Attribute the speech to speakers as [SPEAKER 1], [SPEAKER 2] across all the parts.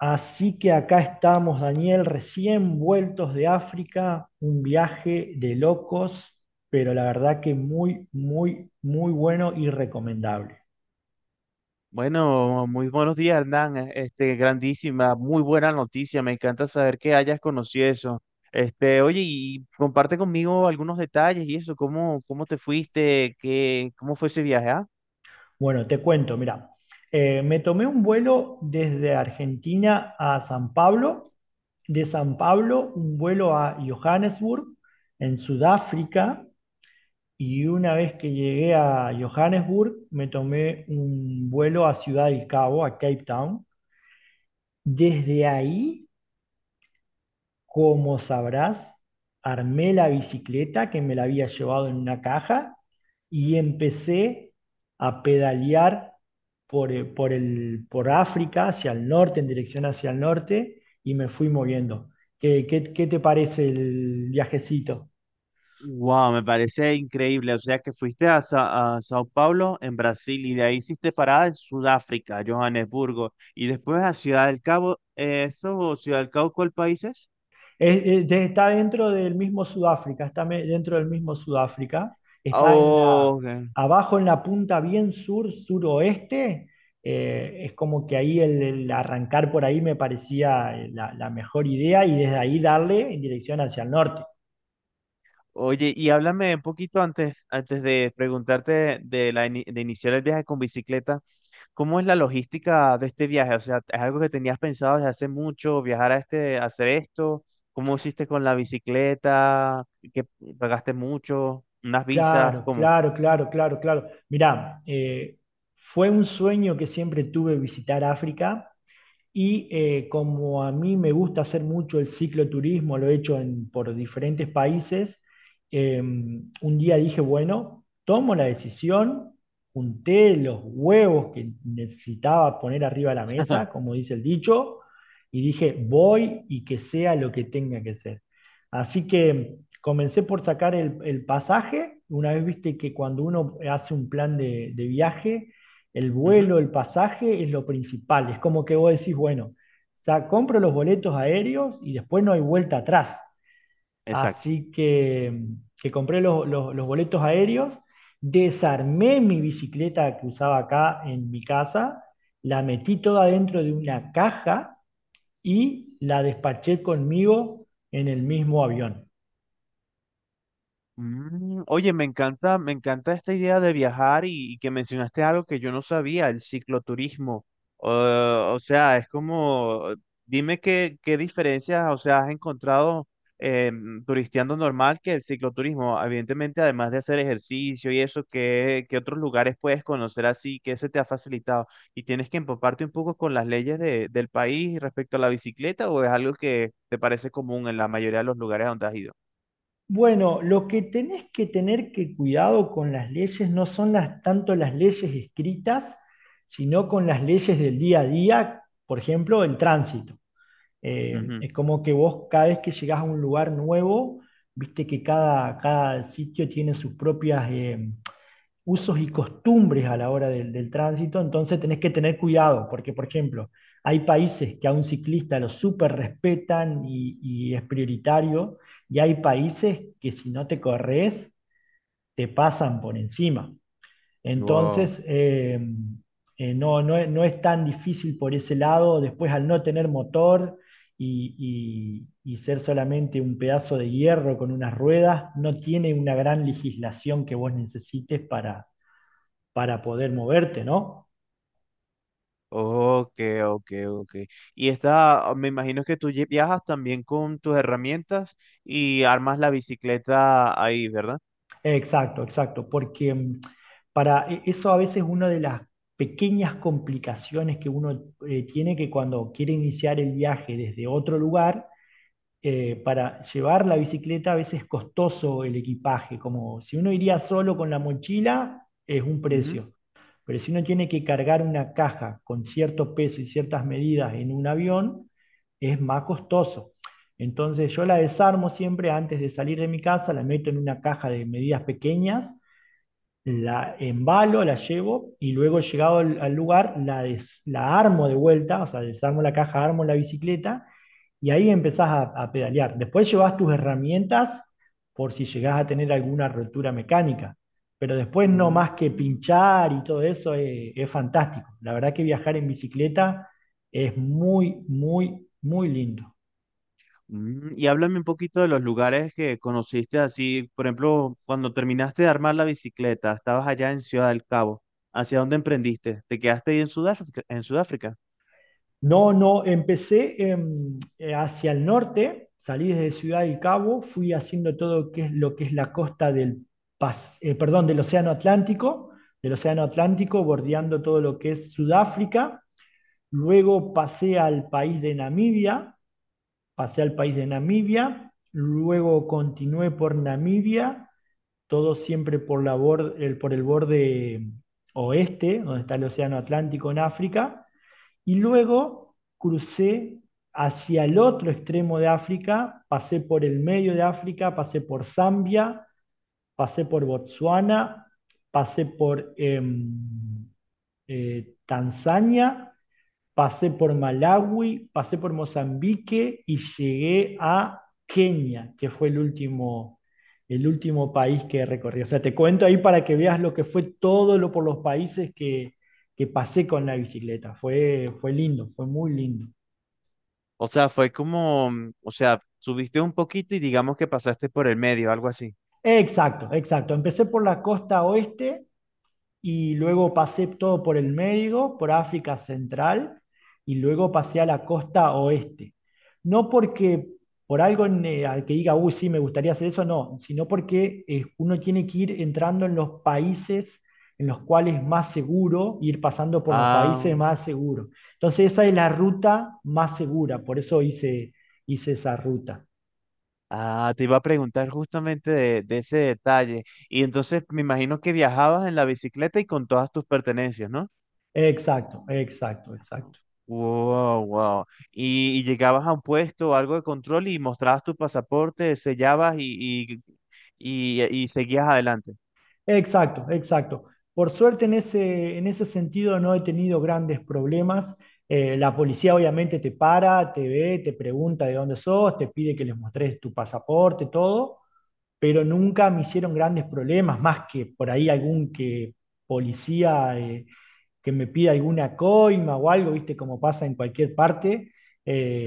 [SPEAKER 1] Así que acá estamos, Daniel, recién vueltos de África, un viaje de locos, pero la verdad que muy, muy, muy bueno y recomendable.
[SPEAKER 2] Bueno, muy buenos días, Hernán. Grandísima, muy buena noticia. Me encanta saber que hayas conocido eso. Oye, y comparte conmigo algunos detalles y eso, cómo te fuiste, cómo fue ese viaje, ¿ah?
[SPEAKER 1] Bueno, te cuento, mira, me tomé un vuelo desde Argentina a San Pablo, de San Pablo un vuelo a Johannesburg, en Sudáfrica, y una vez que llegué a Johannesburg, me tomé un vuelo a Ciudad del Cabo, a Cape Town. Desde ahí, como sabrás, armé la bicicleta que me la había llevado en una caja y empecé a pedalear por por África, hacia el norte, en dirección hacia el norte, y me fui moviendo. ¿Qué te parece el viajecito?
[SPEAKER 2] Wow, me parece increíble. O sea que fuiste a, a Sao Paulo, en Brasil, y de ahí hiciste parada en Sudáfrica, Johannesburgo, y después a Ciudad del Cabo. ¿Eso, Ciudad del Cabo, cuál país es?
[SPEAKER 1] Está dentro del mismo Sudáfrica, dentro del mismo Sudáfrica, está en la,
[SPEAKER 2] Oh, ok.
[SPEAKER 1] abajo en la punta bien sur, suroeste, es como que ahí el arrancar por ahí me parecía la mejor idea y desde ahí darle en dirección hacia el norte.
[SPEAKER 2] Oye, y háblame un poquito antes, antes de preguntarte de iniciar el viaje con bicicleta, ¿cómo es la logística de este viaje? O sea, ¿es algo que tenías pensado desde hace mucho, viajar a este, hacer esto? ¿Cómo hiciste con la bicicleta? ¿Qué pagaste mucho? ¿Unas visas?
[SPEAKER 1] Claro,
[SPEAKER 2] ¿Cómo?
[SPEAKER 1] claro, claro, claro, claro. Mirá, fue un sueño que siempre tuve visitar África. Y como a mí me gusta hacer mucho el cicloturismo, lo he hecho en- por diferentes países. Un día dije, bueno, tomo la decisión, junté los huevos que necesitaba poner arriba de la mesa, como dice el dicho, y dije, voy y que sea lo que tenga que ser. Así que comencé por sacar el pasaje. Una vez viste que cuando uno hace un plan de viaje, el
[SPEAKER 2] Ujú.
[SPEAKER 1] vuelo, el pasaje es lo principal. Es como que vos decís, bueno, compro los boletos aéreos y después no hay vuelta atrás.
[SPEAKER 2] Exacto.
[SPEAKER 1] Así que compré los boletos aéreos, desarmé mi bicicleta que usaba acá en mi casa, la metí toda dentro de una caja y la despaché conmigo en el mismo avión.
[SPEAKER 2] Mm, oye, me encanta esta idea de viajar y que mencionaste algo que yo no sabía, el cicloturismo. Eh, o sea, es como, dime qué diferencias, o sea, has encontrado eh, turisteando normal que el cicloturismo. Evidentemente, además de hacer ejercicio y eso, ¿ qué otros lugares puedes conocer así? ¿Qué se te ha facilitado? ¿Y tienes que empaparte un poco con las leyes del país respecto a la bicicleta o es algo que te parece común en la mayoría de los lugares donde has ido?
[SPEAKER 1] Bueno, lo que tenés que tener que cuidado con las leyes no son las, tanto las leyes escritas, sino con las leyes del día a día, por ejemplo, el tránsito.
[SPEAKER 2] Ujú.
[SPEAKER 1] Es como que vos cada vez que llegás a un lugar nuevo, viste que cada, cada sitio tiene sus propias usos y costumbres a la hora del tránsito, entonces tenés que tener cuidado, porque por ejemplo, hay países que a un ciclista lo súper respetan y es prioritario, y hay países que si no te corres, te pasan por encima.
[SPEAKER 2] Wow.
[SPEAKER 1] Entonces, no es tan difícil por ese lado. Después, al no tener motor y ser solamente un pedazo de hierro con unas ruedas, no tiene una gran legislación que vos necesites para poder moverte, ¿no?
[SPEAKER 2] Ok, ok, ok. Y esta, me imagino que viajas también con tus herramientas y armas la bicicleta ahí, ¿verdad?
[SPEAKER 1] Exacto, exacto, porque mm, eso a veces es una de las pequeñas complicaciones que uno tiene, que cuando quiere iniciar el viaje desde otro lugar, para llevar la bicicleta a veces es costoso el equipaje. Como si uno iría solo con la mochila, es un
[SPEAKER 2] Ujú.
[SPEAKER 1] precio. Pero si uno tiene que cargar una caja con cierto peso y ciertas medidas en un avión, es más costoso. Entonces yo la desarmo siempre antes de salir de mi casa, la meto en una caja de medidas pequeñas, la embalo, la llevo y luego llegado al lugar la armo de vuelta, o sea, desarmo la caja, armo la bicicleta y ahí empezás a pedalear. Después llevas tus herramientas por si llegás a tener alguna rotura mecánica, pero después no más que
[SPEAKER 2] Mm,
[SPEAKER 1] pinchar y todo eso es fantástico. La verdad que viajar en bicicleta es muy, muy, muy lindo.
[SPEAKER 2] mm. Y háblame un poquito de los lugares que conociste así, por ejemplo, cuando terminaste de armar la bicicleta, estabas allá en Ciudad del Cabo, ¿hacia dónde emprendiste? ¿Te quedaste ahí en Sudáfrica, en Sudáfrica?
[SPEAKER 1] No, no, empecé hacia el norte, salí desde Ciudad del Cabo, fui haciendo todo que es lo que es la costa del perdón, del Océano Atlántico, bordeando todo lo que es Sudáfrica, luego pasé al país de Namibia, pasé al país de Namibia, luego continué por Namibia, todo siempre por, por el borde oeste, donde está el Océano Atlántico en África. Y luego crucé hacia el otro extremo de África, pasé por el medio de África, pasé por Zambia, pasé por Botsuana, pasé por Tanzania, pasé por Malawi, pasé por Mozambique y llegué a Kenia, que fue el último país que recorrí. O sea, te cuento ahí para que veas lo que fue todo lo por los países que pasé con la bicicleta. Fue, fue lindo, fue muy lindo.
[SPEAKER 2] O sea, fue como, mm, o sea, subiste un poquito y digamos que pasaste por el medio, algo así.
[SPEAKER 1] Exacto, exacto. Empecé por la costa oeste y luego pasé todo por el Médico, por África Central y luego pasé a la costa oeste. No porque por algo en, al que diga, uy, sí, me gustaría hacer eso, no, sino porque uno tiene que ir entrando en los países en los cuales es más seguro, ir pasando por los países
[SPEAKER 2] Ah.
[SPEAKER 1] más seguros. Entonces esa es la ruta más segura, por eso hice, hice esa ruta.
[SPEAKER 2] Ah, te iba a preguntar justamente de ese detalle. Y entonces me imagino que viajabas en la bicicleta y con todas tus pertenencias, ¿no?
[SPEAKER 1] Exacto, exacto, exacto.
[SPEAKER 2] Wow, wow. Y llegabas a un puesto o algo de control y mostrabas tu pasaporte, sellabas y seguías adelante.
[SPEAKER 1] Exacto, exacto. Por suerte en ese sentido no he tenido grandes problemas. La policía obviamente te para, te ve, te pregunta de dónde sos, te pide que les mostres tu pasaporte, todo, pero nunca me hicieron grandes problemas, más que por ahí algún que policía que me pida alguna coima o algo, viste, como pasa en cualquier parte,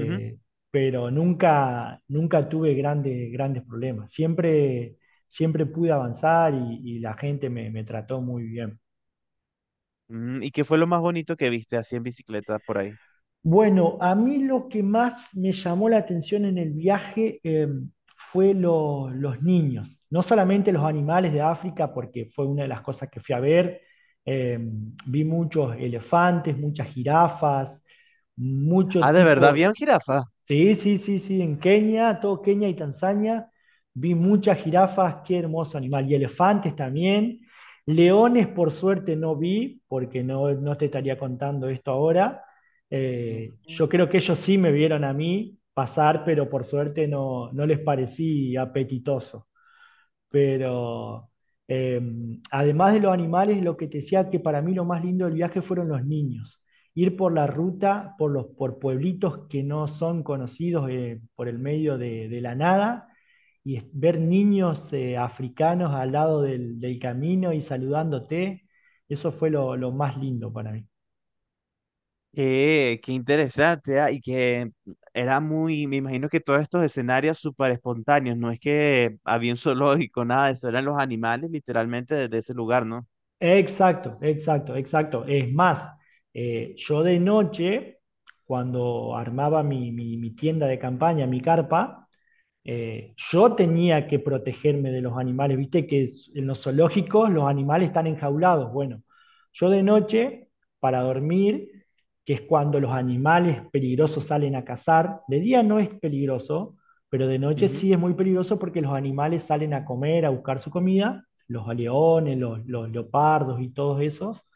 [SPEAKER 2] Ujú.
[SPEAKER 1] pero nunca, nunca tuve grandes, grandes problemas. Siempre, siempre pude avanzar y la gente me, me trató muy bien.
[SPEAKER 2] Mm, ¿y qué fue lo más bonito que viste así en bicicleta por ahí?
[SPEAKER 1] Bueno, a mí lo que más me llamó la atención en el viaje los niños, no solamente los animales de África, porque fue una de las cosas que fui a ver. Eh, Vi muchos elefantes, muchas jirafas, mucho
[SPEAKER 2] Ah, de verdad, bien
[SPEAKER 1] tipo.
[SPEAKER 2] jirafa.
[SPEAKER 1] Sí, sí, sí, sí, en Kenia, todo Kenia y Tanzania, vi muchas jirafas, qué hermoso animal, y elefantes también. Leones, por suerte, no vi, porque no, no te estaría contando esto ahora. Yo creo que ellos sí me vieron a mí pasar, pero por suerte no, no les parecí apetitoso. Pero eh, además de los animales, lo que te decía, que para mí lo más lindo del viaje fueron los niños. Ir por la ruta, por los por pueblitos que no son conocidos, por el medio de la nada, y ver niños africanos al lado del camino y saludándote, eso fue lo más lindo para mí.
[SPEAKER 2] Qué interesante, ah, y que era muy, me imagino que todos estos escenarios súper espontáneos, no es que había un zoológico, nada de eso, eran los animales literalmente desde ese lugar, ¿no?
[SPEAKER 1] Exacto, exacto, exacto. Es más, yo de noche, cuando armaba mi, mi tienda de campaña, mi carpa, yo tenía que protegerme de los animales, viste que en los zoológicos los animales están enjaulados. Bueno, yo de noche, para dormir, que es cuando los animales peligrosos salen a cazar, de día no es peligroso, pero de noche
[SPEAKER 2] Ujú.
[SPEAKER 1] sí es muy peligroso porque los animales salen a comer, a buscar su comida, los leones, los leopardos y todos esos.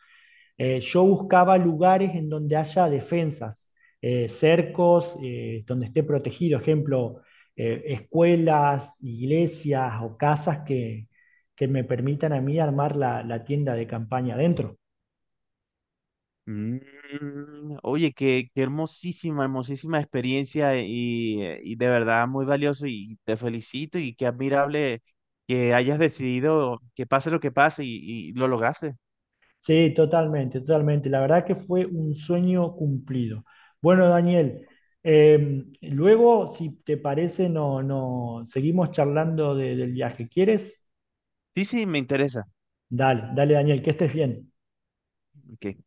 [SPEAKER 1] Yo buscaba lugares en donde haya defensas, cercos, donde esté protegido, ejemplo, escuelas, iglesias o casas que me permitan a mí armar la, la tienda de campaña adentro.
[SPEAKER 2] Mm, oye, qué hermosísima, hermosísima experiencia y de verdad muy valioso y te felicito y qué admirable que hayas decidido que pase lo que pase y lo lograste.
[SPEAKER 1] Sí, totalmente, totalmente. La verdad que fue un sueño cumplido. Bueno, Daniel, luego, si te parece, no, no, seguimos charlando del viaje. ¿Quieres?
[SPEAKER 2] Sí, sí, me interesa.
[SPEAKER 1] Dale, dale, Daniel, que estés bien.
[SPEAKER 2] Ok.